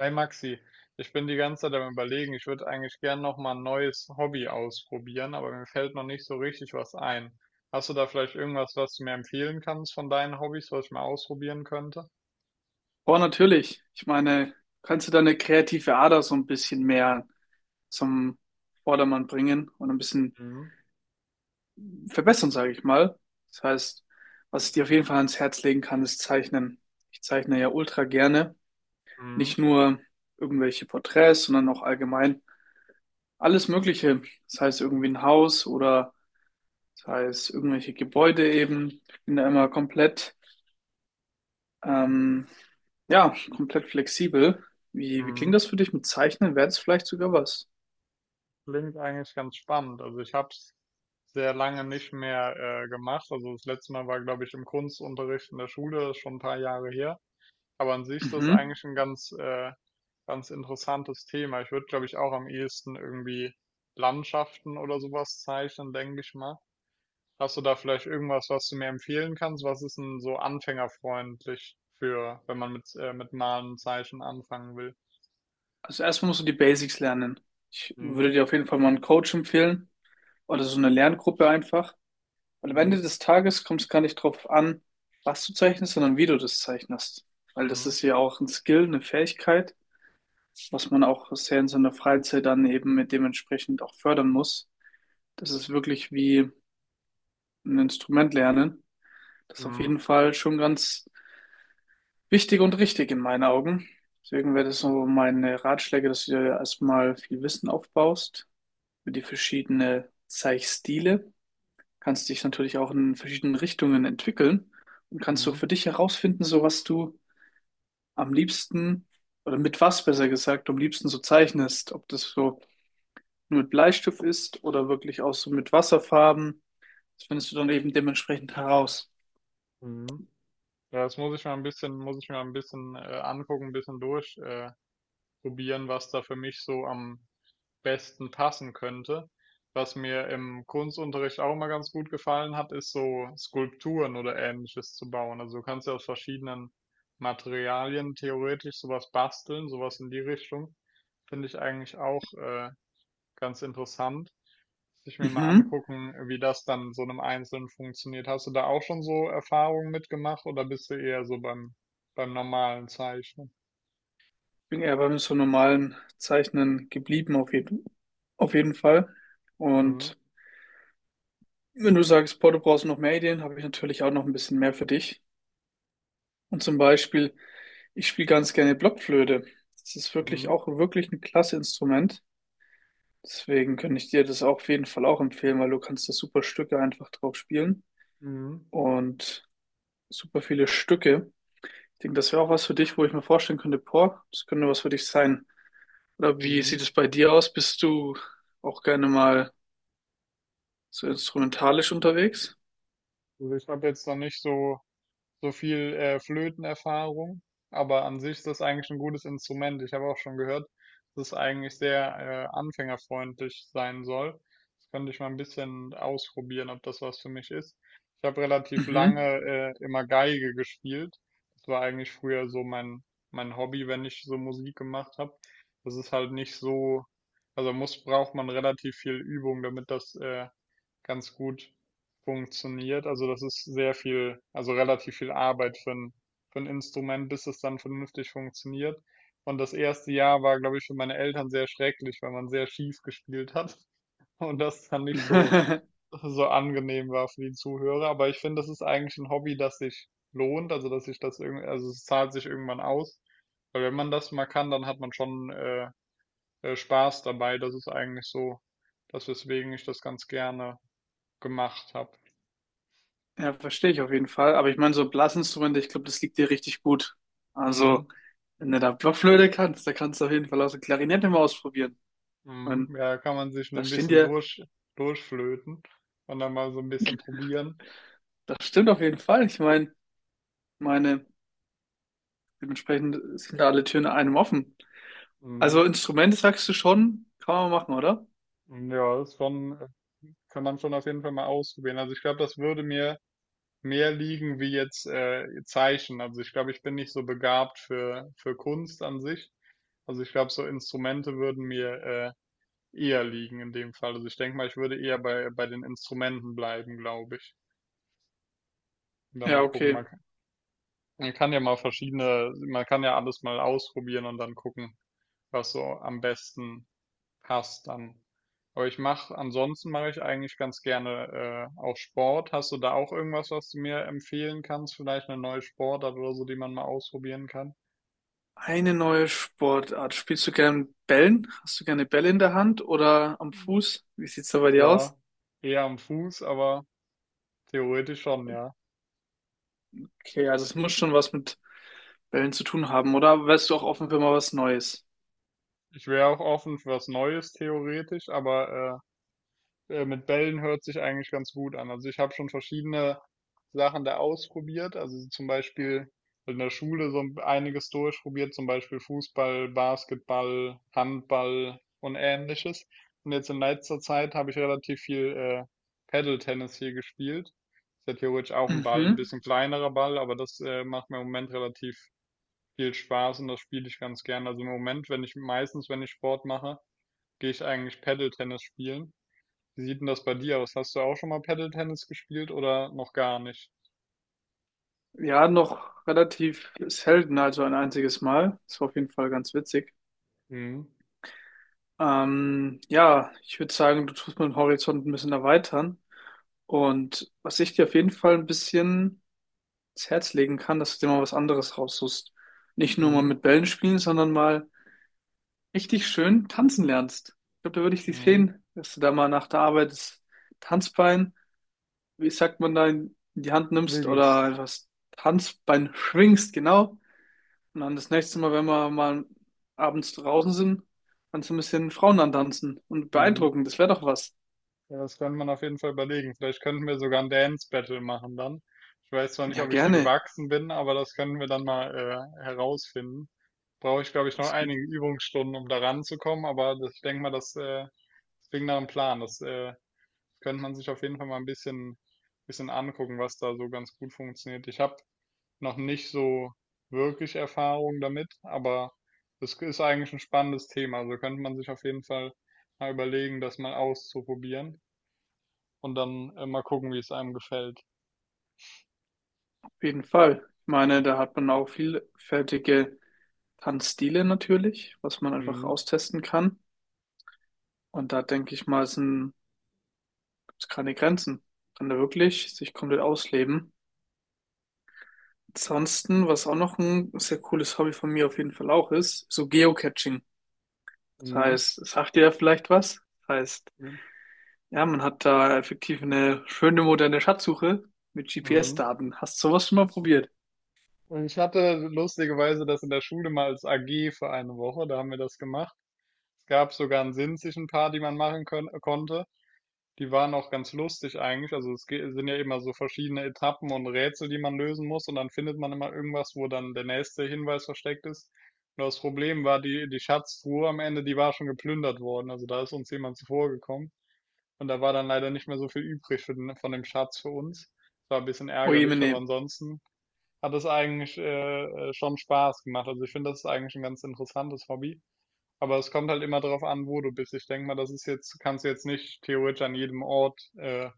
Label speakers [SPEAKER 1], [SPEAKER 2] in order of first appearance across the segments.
[SPEAKER 1] Hey Maxi, ich bin die ganze Zeit am Überlegen, ich würde eigentlich gern noch mal ein neues Hobby ausprobieren, aber mir fällt noch nicht so richtig was ein. Hast du da vielleicht irgendwas, was du mir empfehlen kannst von deinen Hobbys, was ich mal ausprobieren könnte?
[SPEAKER 2] Boah, natürlich. Ich meine, kannst du deine kreative Ader so ein bisschen mehr zum Vordermann bringen und ein bisschen
[SPEAKER 1] Mhm.
[SPEAKER 2] verbessern, sage ich mal. Das heißt, was ich dir auf jeden Fall ans Herz legen kann, ist Zeichnen. Ich zeichne ja ultra gerne.
[SPEAKER 1] Mhm.
[SPEAKER 2] Nicht nur irgendwelche Porträts, sondern auch allgemein alles Mögliche. Das heißt irgendwie ein Haus oder das heißt irgendwelche Gebäude eben. Ich bin da immer komplett, ähm, ja, komplett flexibel. Wie klingt
[SPEAKER 1] Mhm.
[SPEAKER 2] das für dich mit Zeichnen? Wäre das vielleicht sogar was?
[SPEAKER 1] Klingt eigentlich ganz spannend. Also ich habe es sehr lange nicht mehr gemacht. Also das letzte Mal war, glaube ich, im Kunstunterricht in der Schule, das ist schon ein paar Jahre her. Aber an sich ist das
[SPEAKER 2] Mhm.
[SPEAKER 1] eigentlich ein ganz interessantes Thema. Ich würde, glaube ich, auch am ehesten irgendwie Landschaften oder sowas zeichnen, denke ich mal. Hast du da vielleicht irgendwas, was du mir empfehlen kannst? Was ist 'n so anfängerfreundlich für wenn man mit Malen und Zeichnen anfangen will?
[SPEAKER 2] Also erstmal musst du die Basics lernen. Ich würde
[SPEAKER 1] Mhm.
[SPEAKER 2] dir auf jeden Fall mal einen Coach empfehlen oder so eine Lerngruppe einfach. Weil am Ende
[SPEAKER 1] Mhm.
[SPEAKER 2] des Tages kommt es gar nicht drauf an, was du zeichnest, sondern wie du das zeichnest. Weil das
[SPEAKER 1] Mhm.
[SPEAKER 2] ist ja auch ein Skill, eine Fähigkeit, was man auch sehr in seiner Freizeit dann eben mit dementsprechend auch fördern muss. Das ist wirklich wie ein Instrument lernen. Das ist auf
[SPEAKER 1] Mhm.
[SPEAKER 2] jeden Fall schon ganz wichtig und richtig in meinen Augen. Deswegen wäre das so meine Ratschläge, dass du dir erstmal viel Wissen aufbaust für die verschiedenen Zeichenstile, kannst dich natürlich auch in verschiedenen Richtungen entwickeln und kannst so
[SPEAKER 1] Mhm.
[SPEAKER 2] für dich herausfinden, so was du am liebsten oder mit was besser gesagt du am liebsten so zeichnest, ob das so nur mit Bleistift ist oder wirklich auch so mit Wasserfarben. Das findest du dann eben dementsprechend heraus.
[SPEAKER 1] Mhm. Ja, das muss ich mal ein bisschen, angucken, ein bisschen durch probieren, was da für mich so am besten passen könnte. Was mir im Kunstunterricht auch immer ganz gut gefallen hat, ist so Skulpturen oder ähnliches zu bauen. Also du kannst ja aus verschiedenen Materialien theoretisch sowas basteln, sowas in die Richtung. Finde ich eigentlich auch ganz interessant. Muss ich mir mal
[SPEAKER 2] Mhm.
[SPEAKER 1] angucken, wie das dann so einem Einzelnen funktioniert. Hast du da auch schon so Erfahrungen mitgemacht oder bist du eher beim normalen Zeichnen?
[SPEAKER 2] Ich bin eher beim so normalen Zeichnen geblieben auf jeden Fall.
[SPEAKER 1] Mhm.
[SPEAKER 2] Und wenn du sagst, boah, du brauchst noch mehr Ideen, habe ich natürlich auch noch ein bisschen mehr für dich. Und zum Beispiel ich spiele ganz gerne Blockflöte. Das ist wirklich
[SPEAKER 1] Mhm.
[SPEAKER 2] auch wirklich ein klasse Instrument. Deswegen könnte ich dir das auch auf jeden Fall auch empfehlen, weil du kannst da super Stücke einfach drauf spielen
[SPEAKER 1] Mhm.
[SPEAKER 2] und super viele Stücke. Ich denke, das wäre auch was für dich, wo ich mir vorstellen könnte, boah, das könnte was für dich sein. Oder wie
[SPEAKER 1] Mhm.
[SPEAKER 2] sieht es bei dir aus? Bist du auch gerne mal so instrumentalisch unterwegs?
[SPEAKER 1] Also ich habe jetzt noch nicht so, so viel Flötenerfahrung, aber an sich ist das eigentlich ein gutes Instrument. Ich habe auch schon gehört, dass es eigentlich sehr anfängerfreundlich sein soll. Das könnte ich mal ein bisschen ausprobieren, ob das was für mich ist. Ich habe relativ lange
[SPEAKER 2] Mhm.
[SPEAKER 1] immer Geige gespielt. Das war eigentlich früher mein Hobby, wenn ich so Musik gemacht habe. Das ist halt nicht so, also braucht man relativ viel Übung, damit das ganz gut funktioniert. Also das ist sehr viel, also relativ viel Arbeit für ein Instrument, bis es dann vernünftig funktioniert. Und das erste Jahr war, glaube ich, für meine Eltern sehr schrecklich, weil man sehr schief gespielt hat und das dann nicht so, so angenehm war für die Zuhörer. Aber ich finde, das ist eigentlich ein Hobby, das sich lohnt, also dass sich das irgendwie, also es zahlt sich irgendwann aus. Weil wenn man das mal kann, dann hat man schon Spaß dabei. Das ist eigentlich so, das weswegen ich das ganz gerne gemacht habe.
[SPEAKER 2] Ja, verstehe ich auf jeden Fall. Aber ich meine, so Blasinstrumente, ich glaube, das liegt dir richtig gut. Also
[SPEAKER 1] Mhm.
[SPEAKER 2] wenn du da Blockflöte kannst, da kannst du auf jeden Fall auch so Klarinette mal ausprobieren. Ich meine,
[SPEAKER 1] Mhm. Ja, kann man sich nur
[SPEAKER 2] da
[SPEAKER 1] ein
[SPEAKER 2] stehen
[SPEAKER 1] bisschen
[SPEAKER 2] dir,
[SPEAKER 1] durch, durchflöten und dann mal so ein bisschen probieren.
[SPEAKER 2] das stimmt auf jeden Fall. Ich meine, dementsprechend sind da alle Türen einem offen.
[SPEAKER 1] Mhm.
[SPEAKER 2] Also Instrumente sagst du schon, kann man machen, oder?
[SPEAKER 1] Ja, das ist schon, kann man schon auf jeden Fall mal ausprobieren. Also ich glaube, das würde mir mehr liegen wie jetzt Zeichen. Also ich glaube, ich bin nicht so begabt für Kunst an sich. Also ich glaube, so Instrumente würden mir eher liegen in dem Fall. Also ich denke mal, ich würde eher bei den Instrumenten bleiben, glaube ich. Und dann mal
[SPEAKER 2] Ja,
[SPEAKER 1] gucken.
[SPEAKER 2] okay.
[SPEAKER 1] Man kann ja mal verschiedene, man kann ja alles mal ausprobieren und dann gucken, was so am besten passt dann. Aber ansonsten mache ich eigentlich ganz gerne auch Sport. Hast du da auch irgendwas, was du mir empfehlen kannst? Vielleicht eine neue Sportart oder so, die man mal ausprobieren kann?
[SPEAKER 2] Eine neue Sportart. Spielst du gern Bällen? Hast du gerne Bälle in der Hand oder am Fuß? Wie sieht's da bei dir
[SPEAKER 1] Ja,
[SPEAKER 2] aus?
[SPEAKER 1] eher am Fuß, aber theoretisch schon, ja.
[SPEAKER 2] Okay, also es muss schon was mit Bällen zu tun haben, oder? Wärst du auch offen für mal was Neues?
[SPEAKER 1] Ich wäre auch offen für was Neues, theoretisch, aber mit Bällen hört sich eigentlich ganz gut an. Also ich habe schon verschiedene Sachen da ausprobiert. Also zum Beispiel in der Schule so einiges durchprobiert, zum Beispiel Fußball, Basketball, Handball und ähnliches. Und jetzt in letzter Zeit habe ich relativ viel Paddle-Tennis hier gespielt. Ist ja theoretisch auch ein Ball, ein
[SPEAKER 2] Mhm.
[SPEAKER 1] bisschen kleinerer Ball, aber das macht mir im Moment relativ viel Spaß und das spiele ich ganz gern. Also im Moment, wenn ich meistens, wenn ich Sport mache, gehe ich eigentlich Paddle-Tennis spielen. Wie sieht denn das bei dir aus? Hast du auch schon mal Paddle-Tennis gespielt oder noch gar nicht?
[SPEAKER 2] Ja, noch relativ selten, also ein einziges Mal. Das war auf jeden Fall ganz witzig.
[SPEAKER 1] Mhm.
[SPEAKER 2] Ja, ich würde sagen, du tust meinen Horizont ein bisschen erweitern. Und was ich dir auf jeden Fall ein bisschen ins Herz legen kann, dass du dir mal was anderes raussuchst. Nicht nur mal
[SPEAKER 1] Mhm.
[SPEAKER 2] mit Bällen spielen, sondern mal richtig schön tanzen lernst. Ich glaube, da würde ich dich
[SPEAKER 1] Mhm.
[SPEAKER 2] sehen, dass du da mal nach der Arbeit das Tanzbein, wie sagt man da, in die Hand nimmst oder
[SPEAKER 1] Links.
[SPEAKER 2] einfach das Tanzbein schwingst, genau. Und dann das nächste Mal, wenn wir mal abends draußen sind, dann so ein bisschen Frauen antanzen und
[SPEAKER 1] Mhm.
[SPEAKER 2] beeindrucken. Das wäre doch was.
[SPEAKER 1] Ja, das könnte man auf jeden Fall überlegen. Vielleicht könnten wir sogar ein Dance-Battle machen dann. Ich weiß zwar nicht,
[SPEAKER 2] Ja,
[SPEAKER 1] ob ich dir
[SPEAKER 2] gerne.
[SPEAKER 1] gewachsen bin, aber das können wir dann mal herausfinden. Brauche ich, glaube ich, noch
[SPEAKER 2] Das klingt
[SPEAKER 1] einige Übungsstunden, um da ranzukommen, aber das, ich denke mal, das, das klingt nach einem Plan. Das Könnte man sich auf jeden Fall mal bisschen angucken, was da so ganz gut funktioniert. Ich habe noch nicht so wirklich Erfahrung damit, aber es ist eigentlich ein spannendes Thema. Also könnte man sich auf jeden Fall mal überlegen, das mal auszuprobieren und dann mal gucken, wie es einem gefällt.
[SPEAKER 2] auf jeden Fall. Ich meine, da hat man auch vielfältige Tanzstile natürlich, was man einfach
[SPEAKER 1] Mhm.
[SPEAKER 2] austesten kann. Und da denke ich mal, sind keine Grenzen. Kann da wirklich sich komplett ausleben. Ansonsten, was auch noch ein sehr cooles Hobby von mir auf jeden Fall auch ist, so Geocaching. Das
[SPEAKER 1] Mhm.
[SPEAKER 2] heißt, es sagt dir ja vielleicht was. Das heißt,
[SPEAKER 1] Mhm.
[SPEAKER 2] ja, man hat da effektiv eine schöne moderne Schatzsuche mit
[SPEAKER 1] Mhm.
[SPEAKER 2] GPS-Daten. Hast du sowas schon mal probiert?
[SPEAKER 1] Und ich hatte lustigerweise das in der Schule mal als AG für eine Woche, da haben wir das gemacht. Es gab sogar einen sinzischen Paar, die man machen können, konnte. Die waren auch ganz lustig eigentlich. Also es sind ja immer so verschiedene Etappen und Rätsel, die man lösen muss und dann findet man immer irgendwas, wo dann der nächste Hinweis versteckt ist. Nur das Problem war, die Schatztruhe am Ende, die war schon geplündert worden. Also da ist uns jemand zuvorgekommen und da war dann leider nicht mehr so viel übrig für den, von dem Schatz für uns. Das war ein bisschen
[SPEAKER 2] Oh je,
[SPEAKER 1] ärgerlich, aber
[SPEAKER 2] nee.
[SPEAKER 1] ansonsten hat es eigentlich schon Spaß gemacht. Also ich finde, das ist eigentlich ein ganz interessantes Hobby. Aber es kommt halt immer darauf an, wo du bist. Ich denke mal, das ist jetzt, kannst du jetzt nicht theoretisch an jedem Ort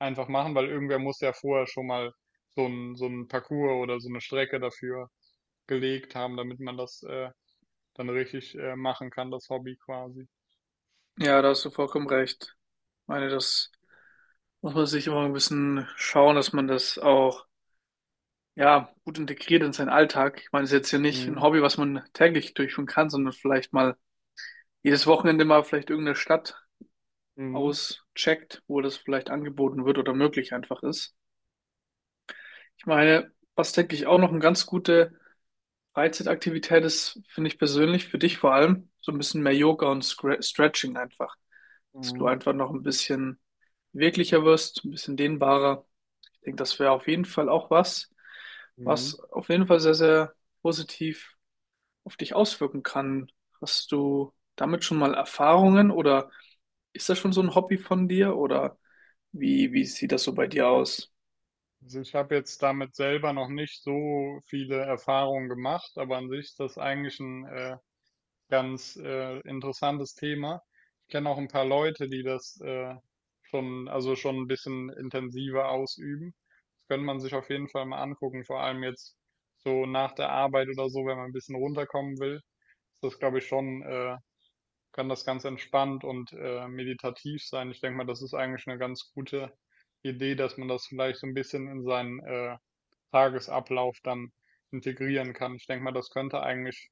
[SPEAKER 1] einfach machen, weil irgendwer muss ja vorher schon mal so ein Parcours oder so eine Strecke dafür gelegt haben, damit man das dann richtig machen kann, das Hobby quasi.
[SPEAKER 2] Ja, da hast du vollkommen recht. Ich meine, das muss man sich immer ein bisschen schauen, dass man das auch, ja, gut integriert in seinen Alltag. Ich meine, es ist jetzt ja nicht ein
[SPEAKER 1] Mhm.
[SPEAKER 2] Hobby, was man täglich durchführen kann, sondern vielleicht mal jedes Wochenende mal vielleicht irgendeine Stadt
[SPEAKER 1] Mhm.
[SPEAKER 2] auscheckt, wo das vielleicht angeboten wird oder möglich einfach ist. Ich meine, was denke ich auch noch eine ganz gute Freizeitaktivität ist, finde ich persönlich, für dich vor allem so ein bisschen mehr Yoga und Stretching einfach. Dass du
[SPEAKER 1] Mhm.
[SPEAKER 2] einfach noch ein bisschen beweglicher wirst, ein bisschen dehnbarer. Ich denke, das wäre auf jeden Fall auch was,
[SPEAKER 1] Mhm.
[SPEAKER 2] was auf jeden Fall sehr, sehr positiv auf dich auswirken kann. Hast du damit schon mal Erfahrungen oder ist das schon so ein Hobby von dir oder wie sieht das so bei dir aus?
[SPEAKER 1] Also ich habe jetzt damit selber noch nicht so viele Erfahrungen gemacht, aber an sich ist das eigentlich ein ganz interessantes Thema. Ich kenne auch ein paar Leute, die das schon, also schon ein bisschen intensiver ausüben. Das könnte man sich auf jeden Fall mal angucken, vor allem jetzt so nach der Arbeit oder so, wenn man ein bisschen runterkommen will. Ist das, glaube ich, schon, kann das ganz entspannt und meditativ sein. Ich denke mal, das ist eigentlich eine ganz gute Idee, dass man das vielleicht so ein bisschen in seinen Tagesablauf dann integrieren kann. Ich denke mal, das könnte eigentlich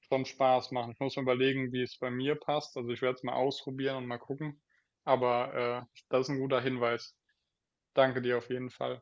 [SPEAKER 1] schon Spaß machen. Ich muss mir überlegen, wie es bei mir passt. Also ich werde es mal ausprobieren und mal gucken. Aber das ist ein guter Hinweis. Danke dir auf jeden Fall.